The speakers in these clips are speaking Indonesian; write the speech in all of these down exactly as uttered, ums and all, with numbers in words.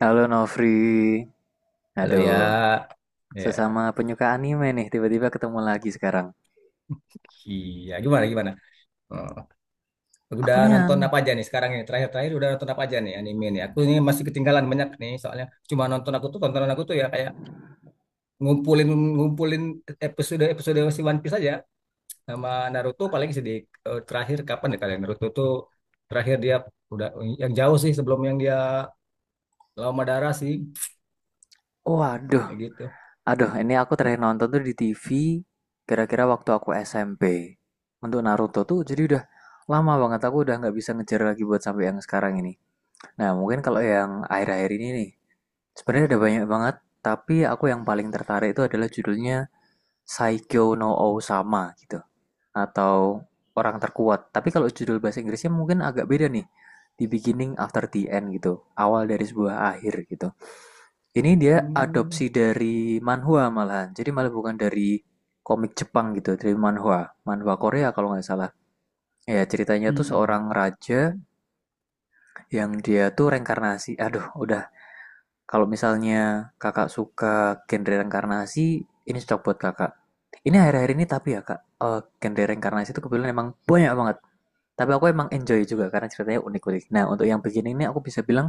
Halo Novri, Halo ya, aduh, ya, sesama penyuka anime nih, tiba-tiba ketemu lagi sekarang. iya gimana gimana? Oh, Aku udah nih nonton anu, apa aja nih sekarang ini? Terakhir-terakhir udah nonton apa aja nih anime nih? Aku ini masih ketinggalan banyak nih soalnya cuma nonton aku tuh tontonan aku tuh ya kayak ngumpulin ngumpulin episode episode si One Piece aja sama Naruto paling sedih, eh, terakhir kapan ya kalian Naruto tuh terakhir dia udah yang jauh sih sebelum yang dia lawan Madara sih, waduh, kayak gitu. aduh, ini aku terakhir nonton tuh di T V, kira-kira waktu aku S M P. Untuk Naruto tuh, jadi udah lama banget aku udah nggak bisa ngejar lagi buat sampai yang sekarang ini. Nah, mungkin kalau yang akhir-akhir ini nih, sebenarnya ada banyak banget, tapi aku yang paling tertarik itu adalah judulnya Saikyo no Sama gitu, atau orang terkuat. Tapi kalau judul bahasa Inggrisnya mungkin agak beda nih. The beginning after the end gitu. Awal dari sebuah akhir gitu. Ini dia Hmm, adopsi dari manhwa malahan. Jadi malah bukan dari komik Jepang gitu, dari manhwa. Manhwa Korea kalau nggak salah. Ya, ceritanya mm, tuh seorang mm, raja yang dia tuh reinkarnasi. Aduh, udah. Kalau misalnya kakak suka genre reinkarnasi, ini cocok buat kakak. Ini akhir-akhir ini tapi ya kak, eh genre reinkarnasi itu kebetulan emang banyak banget. Tapi aku emang enjoy juga karena ceritanya unik-unik. Nah, untuk yang begini ini aku bisa bilang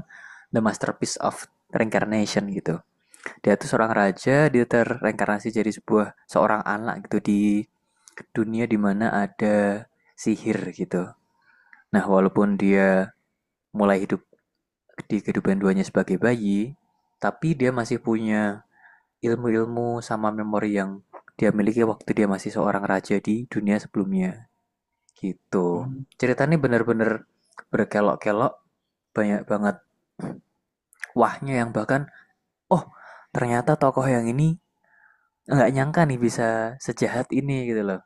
the masterpiece of reincarnation gitu. Dia tuh seorang raja, dia terreinkarnasi jadi sebuah seorang anak gitu di dunia dimana ada sihir gitu. Nah, walaupun dia mulai hidup di kehidupan duanya sebagai bayi, tapi dia masih punya ilmu-ilmu sama memori yang dia miliki waktu dia masih seorang raja di dunia sebelumnya gitu. mm. Ceritanya benar-benar berkelok-kelok. Banyak banget wahnya, yang bahkan, oh, ternyata tokoh yang ini nggak nyangka nih bisa sejahat ini gitu loh.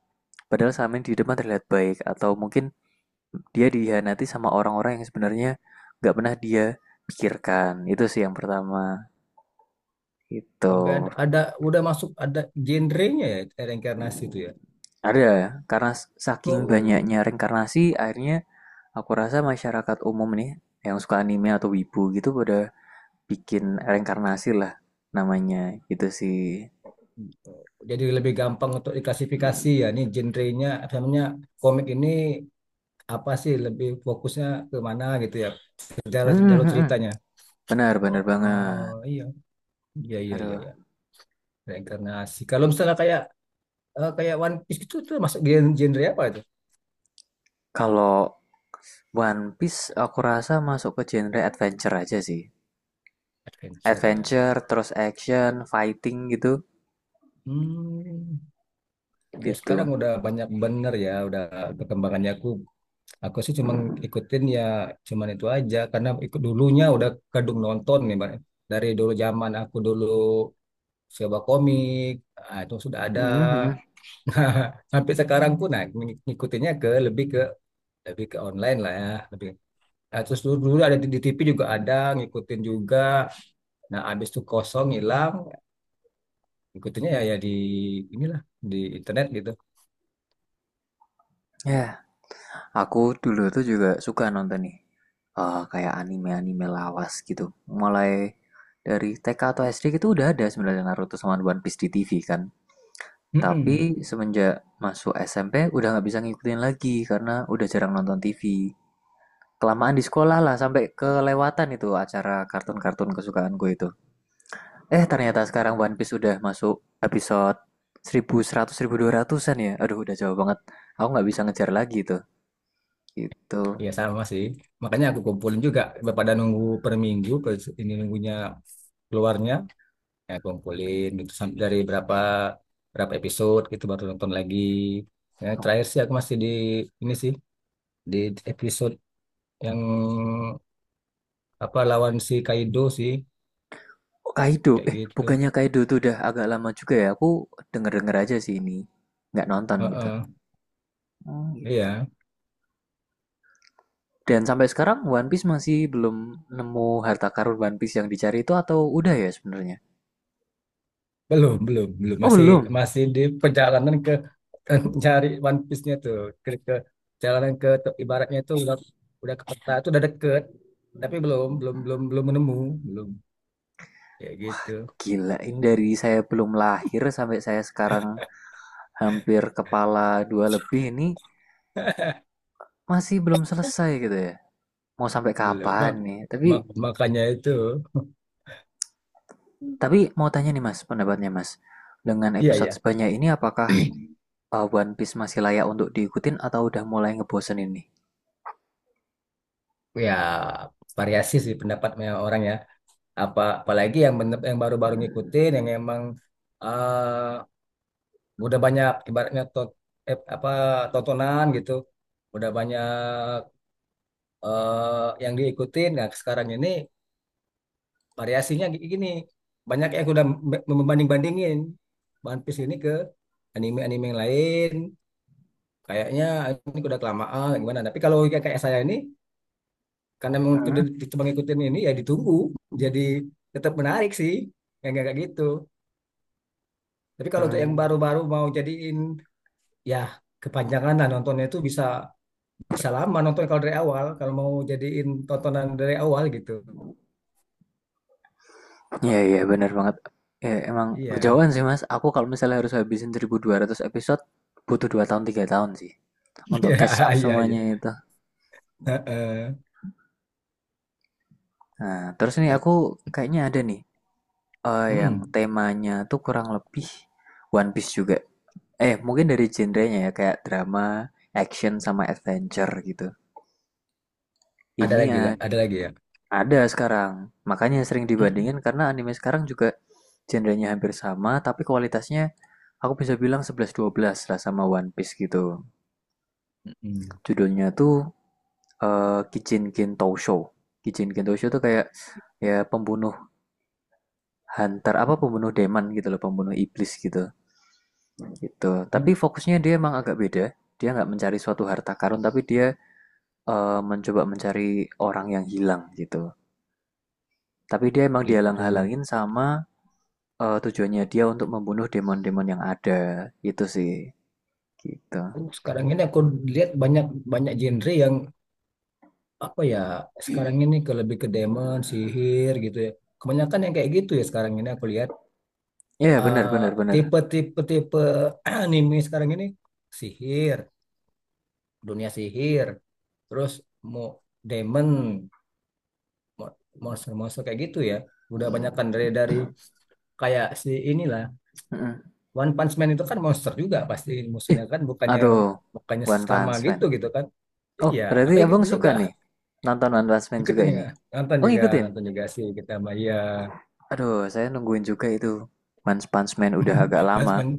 Padahal selama ini di depan terlihat baik, atau mungkin dia dihianati sama orang-orang yang sebenarnya nggak pernah dia pikirkan. Itu sih yang pertama. Itu Ada, ada udah masuk ada genrenya ya, reinkarnasi itu. ada karena saking Oh, banyaknya reinkarnasi, akhirnya aku rasa masyarakat umum nih yang suka anime atau wibu gitu pada bikin reinkarnasi lah namanya. Itu sih. jadi lebih gampang untuk diklasifikasi ya. Ini genrenya, apa namanya komik ini, apa sih lebih fokusnya ke mana gitu ya? Ke jalur, Hmm, jalur hmm, hmm. ceritanya. Benar Oh, benar oh, banget. iya, iya, iya, iya, Aduh, iya. Reinkarnasi. Kalau misalnya kayak, eh, kayak One Piece gitu, itu tuh masuk gen- genre apa itu? kalau One Piece aku rasa masuk ke genre adventure aja sih. Adventure ya. Adventure, terus action, fighting gitu, Hmm, ya sekarang gitu. udah banyak bener ya, udah perkembangannya. Aku Aku sih cuma ikutin ya, cuman itu aja karena ikut dulunya udah kadung nonton nih Bang. Dari dulu zaman aku dulu coba komik, ah, itu sudah ada Mhm, hmm. Nah, sampai sekarang pun nah, ng- ngikutinnya ke lebih ke lebih ke online lah ya, lebih. Nah, terus dulu, dulu ada di, di T V juga ada ngikutin juga, nah abis itu kosong hilang ngikutinnya ya ya di inilah, di internet gitu. Ya, aku dulu tuh juga suka nonton nih, eh, kayak anime-anime lawas gitu. Mulai dari T K atau S D gitu udah ada sebenarnya Naruto sama One Piece di T V kan. Tapi semenjak masuk S M P udah nggak bisa ngikutin lagi karena udah jarang nonton T V. Kelamaan di sekolah lah sampai kelewatan itu acara kartun-kartun kesukaan gue itu. Eh, ternyata sekarang One Piece udah masuk episode seribu seratus dua ratusan ya. Aduh, udah jauh banget. Aku nggak bisa ngejar lagi itu. Gitu. Iya sama sih. Makanya aku kumpulin juga daripada nunggu per minggu per ini, nunggunya, keluarnya ya kumpulin gitu, sam- dari berapa berapa episode gitu baru nonton lagi. Ya, terakhir sih aku masih di ini sih di episode yang apa, lawan si Kaido sih, Oh, Kaido. kayak Eh, gitu. bukannya Kaido tuh udah agak lama juga ya. Aku denger-denger aja sih ini. Nggak nonton gitu. Heeh. Hmm, gitu. Iya, Dan sampai sekarang One Piece masih belum nemu harta karun One Piece yang dicari itu, atau udah ya sebenarnya? belum belum belum Oh, masih belum. masih di perjalanan ke cari One Piece-nya tuh ke, ke perjalanan ke ibaratnya tuh udah udah ke peta itu udah deket tapi belum belum belum belum menemu belum, kayak gitu. Gila, ini dari saya belum lahir sampai saya sekarang hampir kepala dua lebih ini masih belum selesai gitu ya. Mau sampai Belum kapan Ma- nih? Tapi ma- makanya itu, tapi mau tanya nih Mas, pendapatnya Mas. Dengan iya episode ya sebanyak ini apakah uh, One Piece masih layak untuk diikutin atau udah mulai ngebosenin nih? ya. Variasi sih pendapatnya orang ya, apa apalagi yang bener- yang baru-baru ngikutin yang emang, eh, udah banyak ibaratnya tot, eh, apa tontonan gitu udah banyak, eh, yang diikutin nah sekarang ini variasinya gi- gini, banyak yang udah me- membanding-bandingin One Piece ini ke anime-anime yang lain kayaknya ini udah kelamaan gimana, tapi kalau kayak kayak saya ini karena memang Hmm? ke- cuma ngikutin ini ya ditunggu jadi tetap menarik sih yang kayak kayak gitu, tapi kalau untuk yang Hmm. baru-baru mau jadiin, ya kepanjangan lah nontonnya itu bisa bisa lama nonton kalau dari awal kalau mau jadiin tontonan dari awal gitu. Ya, iya, benar banget. Ya, emang Iya. kejauhan sih Mas. Aku kalau misalnya harus habisin seribu dua ratus episode butuh dua tahun tiga tahun sih untuk catch up Iya, iya, iya. semuanya itu. Heeh. Nah, terus nih Tap- aku kayaknya ada nih, eh, yang hmm. temanya tuh kurang lebih One Piece juga. Eh, mungkin dari genrenya ya kayak drama, action sama adventure gitu. Ada Ini lagi nggak? a- Ada lagi ya. ada sekarang. Makanya sering dibandingin karena anime sekarang juga genrenya hampir sama, tapi kualitasnya aku bisa bilang sebelas dua belas lah sama One Piece gitu. Judulnya tuh eh, Kijinkin Tousho. Kijinkin Tousho tuh kayak, ya, pembunuh hunter apa pembunuh demon gitu loh, pembunuh iblis gitu. Gitu. Tapi Hmm, fokusnya dia emang agak beda. Dia nggak mencari suatu harta karun, tapi dia eh, mencoba mencari orang yang hilang gitu. Tapi dia emang gitu. dihalang-halangin sama, eh, tujuannya dia untuk membunuh demon-demon yang ada. Itu sih. Gitu. Oh, sekarang ini aku lihat banyak banyak genre yang apa ya sekarang ini ke lebih ke demon sihir gitu ya, kebanyakan yang kayak gitu ya sekarang ini aku lihat. Iya, yeah, benar Eh, benar benar. tipe-tipe tipe anime sekarang ini sihir, dunia sihir, terus mau demon, mo- monster-monster kayak gitu ya, udah banyakan dari dari kayak si inilah Mm-mm. One Punch Man itu kan monster juga pasti Ih, musuhnya kan, bukannya aduh. bukannya One sesama Punch Man. gitu gitu kan. Oh, Iya aku berarti abang ikutin suka juga. nih nonton One Punch Man juga Ikutin ini. juga, nonton Oh, juga ngikutin. nonton juga sih kita Maya. Aduh, saya nungguin juga itu. One Punch Man udah agak Mas, lama. men,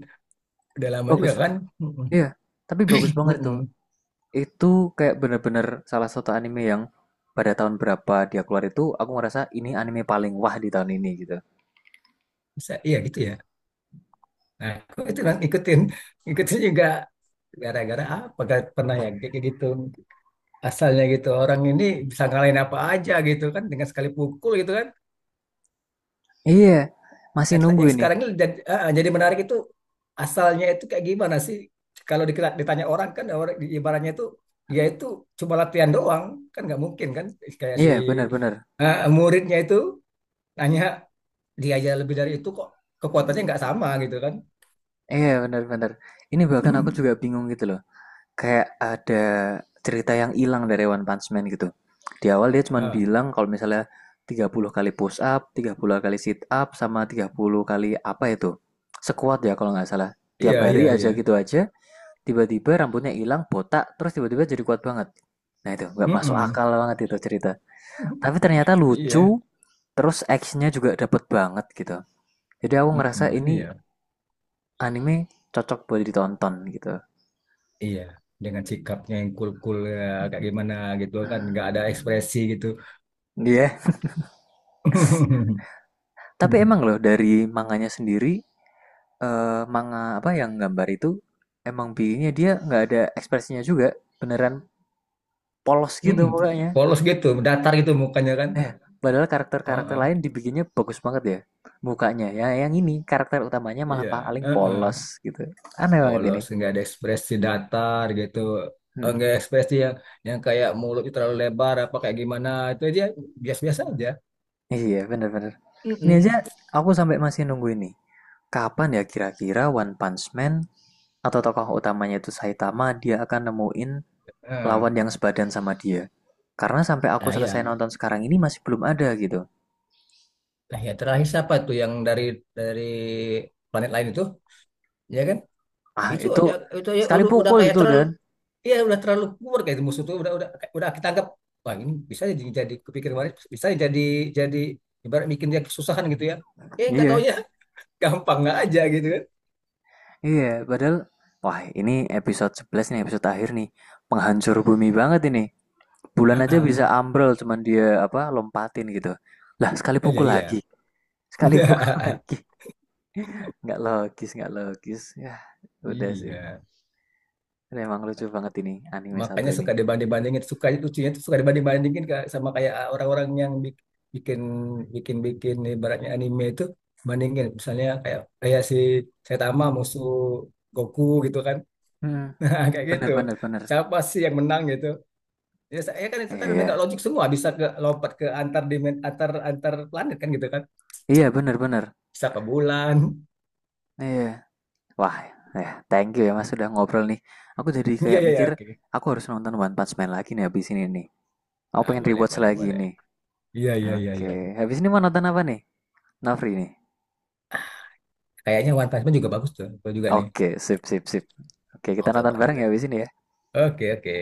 udah lama Bagus. juga kan? Mm-mm. Iya, tapi bagus banget itu. Mm-mm. Itu kayak bener-bener salah satu anime yang pada tahun berapa dia keluar itu aku ngerasa ini anime paling wah di tahun ini gitu. Bisa, iya gitu ya. Nah, aku itu kan ikutin, ikutin juga gara-gara apa? Gak pernah ya kayak kayak gitu. Asalnya gitu orang ini bisa ngalahin apa aja gitu kan dengan sekali pukul gitu kan. Iya, masih Atlet- nunggu Yang ini. sekarang ini jadi, ah, jadi menarik itu asalnya itu kayak gimana sih? Kalau dikira- ditanya orang kan, orang, ibaratnya itu dia itu cuma latihan doang kan nggak mungkin kan, kayak si, Iya, bener-bener. ah, muridnya itu tanya. Dia aja lebih dari itu kok, kekuatannya nggak sama gitu kan. Iya, bener-bener. Ini bahkan aku juga bingung gitu loh. Kayak ada cerita yang hilang dari One Punch Man gitu. Di awal dia cuman Ah, bilang kalau misalnya tiga puluh kali push up, tiga puluh kali sit up, sama tiga puluh kali apa itu. Sekuat ya kalau nggak salah. Tiap iya iya hari iya. aja gitu aja, tiba-tiba rambutnya hilang, botak, terus tiba-tiba jadi kuat banget. Nah, itu nggak masuk Mm-mm. akal banget itu cerita. Tapi ternyata Iya. lucu, terus actionnya juga dapet banget gitu. Jadi aku Mm-mm. ngerasa ini Iya. anime cocok buat ditonton gitu. Iya. Dengan sikapnya yang cool-cool ya, kayak gimana gitu kan, nggak ada ekspresi gitu. Iya. Yeah. Tapi emang loh dari manganya sendiri, eh, manga apa yang gambar itu emang bikinnya dia nggak ada ekspresinya juga, beneran polos gitu Mm-mm. mukanya. Polos gitu, datar gitu mukanya kan. Eh, padahal Oh, karakter-karakter ah. lain dibikinnya bagus banget ya mukanya. Ya, yang ini karakter utamanya malah Iya, paling polos heeh. gitu. Aneh banget ini. Polos nggak ada ekspresi datar gitu. Mm. Enggak ekspresi yang yang kayak mulut terlalu lebar apa kayak gimana itu, dia biasa-biasa aja. Iya, bener-bener. Ini aja Mm-mm. aku sampai masih nunggu ini. Kapan ya kira-kira One Punch Man atau tokoh utamanya itu Saitama dia akan nemuin Ah. lawan yang sebadan sama dia. Karena sampai aku Nah, selesai ya. nonton sekarang ini masih belum ada gitu. Nah, ya terakhir siapa tuh yang dari dari planet lain itu, ya kan? Ah, Itu itu aja itu aja sekali udah, udah pukul kayak itu terlalu, dan. ya udah terlalu kuat kayak itu, musuh tuh udah udah udah kita anggap wah ini bisa jadi, jadi kepikir kemarin bisa jadi jadi ibarat bikin dia kesusahan gitu ya. Eh nggak Iya. taunya gampang nggak aja gitu kan. Iya, padahal wah ini episode sebelas nih, episode akhir nih. Penghancur bumi banget ini. Bulan Ah, aja bisa ah. ambrol cuman dia apa lompatin gitu. Lah, sekali Iya pukul iya. lagi. Sekali pukul lagi. Nggak logis, nggak logis. Ya, udah sih. Iya. Memang lucu banget ini anime satu Makanya ini. suka dibanding-bandingin, suka lucunya tuh suka dibanding-bandingin kayak sama kayak, ah, orang-orang yang bik- bikin bikin bikin ibaratnya anime itu, bandingin misalnya kayak kayak si Saitama musuh Goku gitu kan. Hmm, Nah, kayak gitu bener bener bener. siapa sih yang menang gitu, ya saya kan itu Iya, kan udah nggak iya. logik semua bisa ke lompat ke antar dimen antar antar planet kan gitu kan, Iya, bener bener. bisa ke bulan. Iya. Wah, ya, thank you ya Mas sudah ngobrol nih. Aku jadi Iya kayak iya iya mikir oke. aku harus nonton One Punch Man lagi nih habis ini nih. Aku Ah pengen boleh rewatch boleh lagi boleh, nih. iya iya iya iya iya. Oke, habis ini mau nonton apa nih? Nafri nih. Kayaknya One Punch Man juga bagus tuh, gua juga nih Oke, sip, sip, sip. Oke, kita mau coba nonton bareng dulu. ya habis ini ya. Oke oke.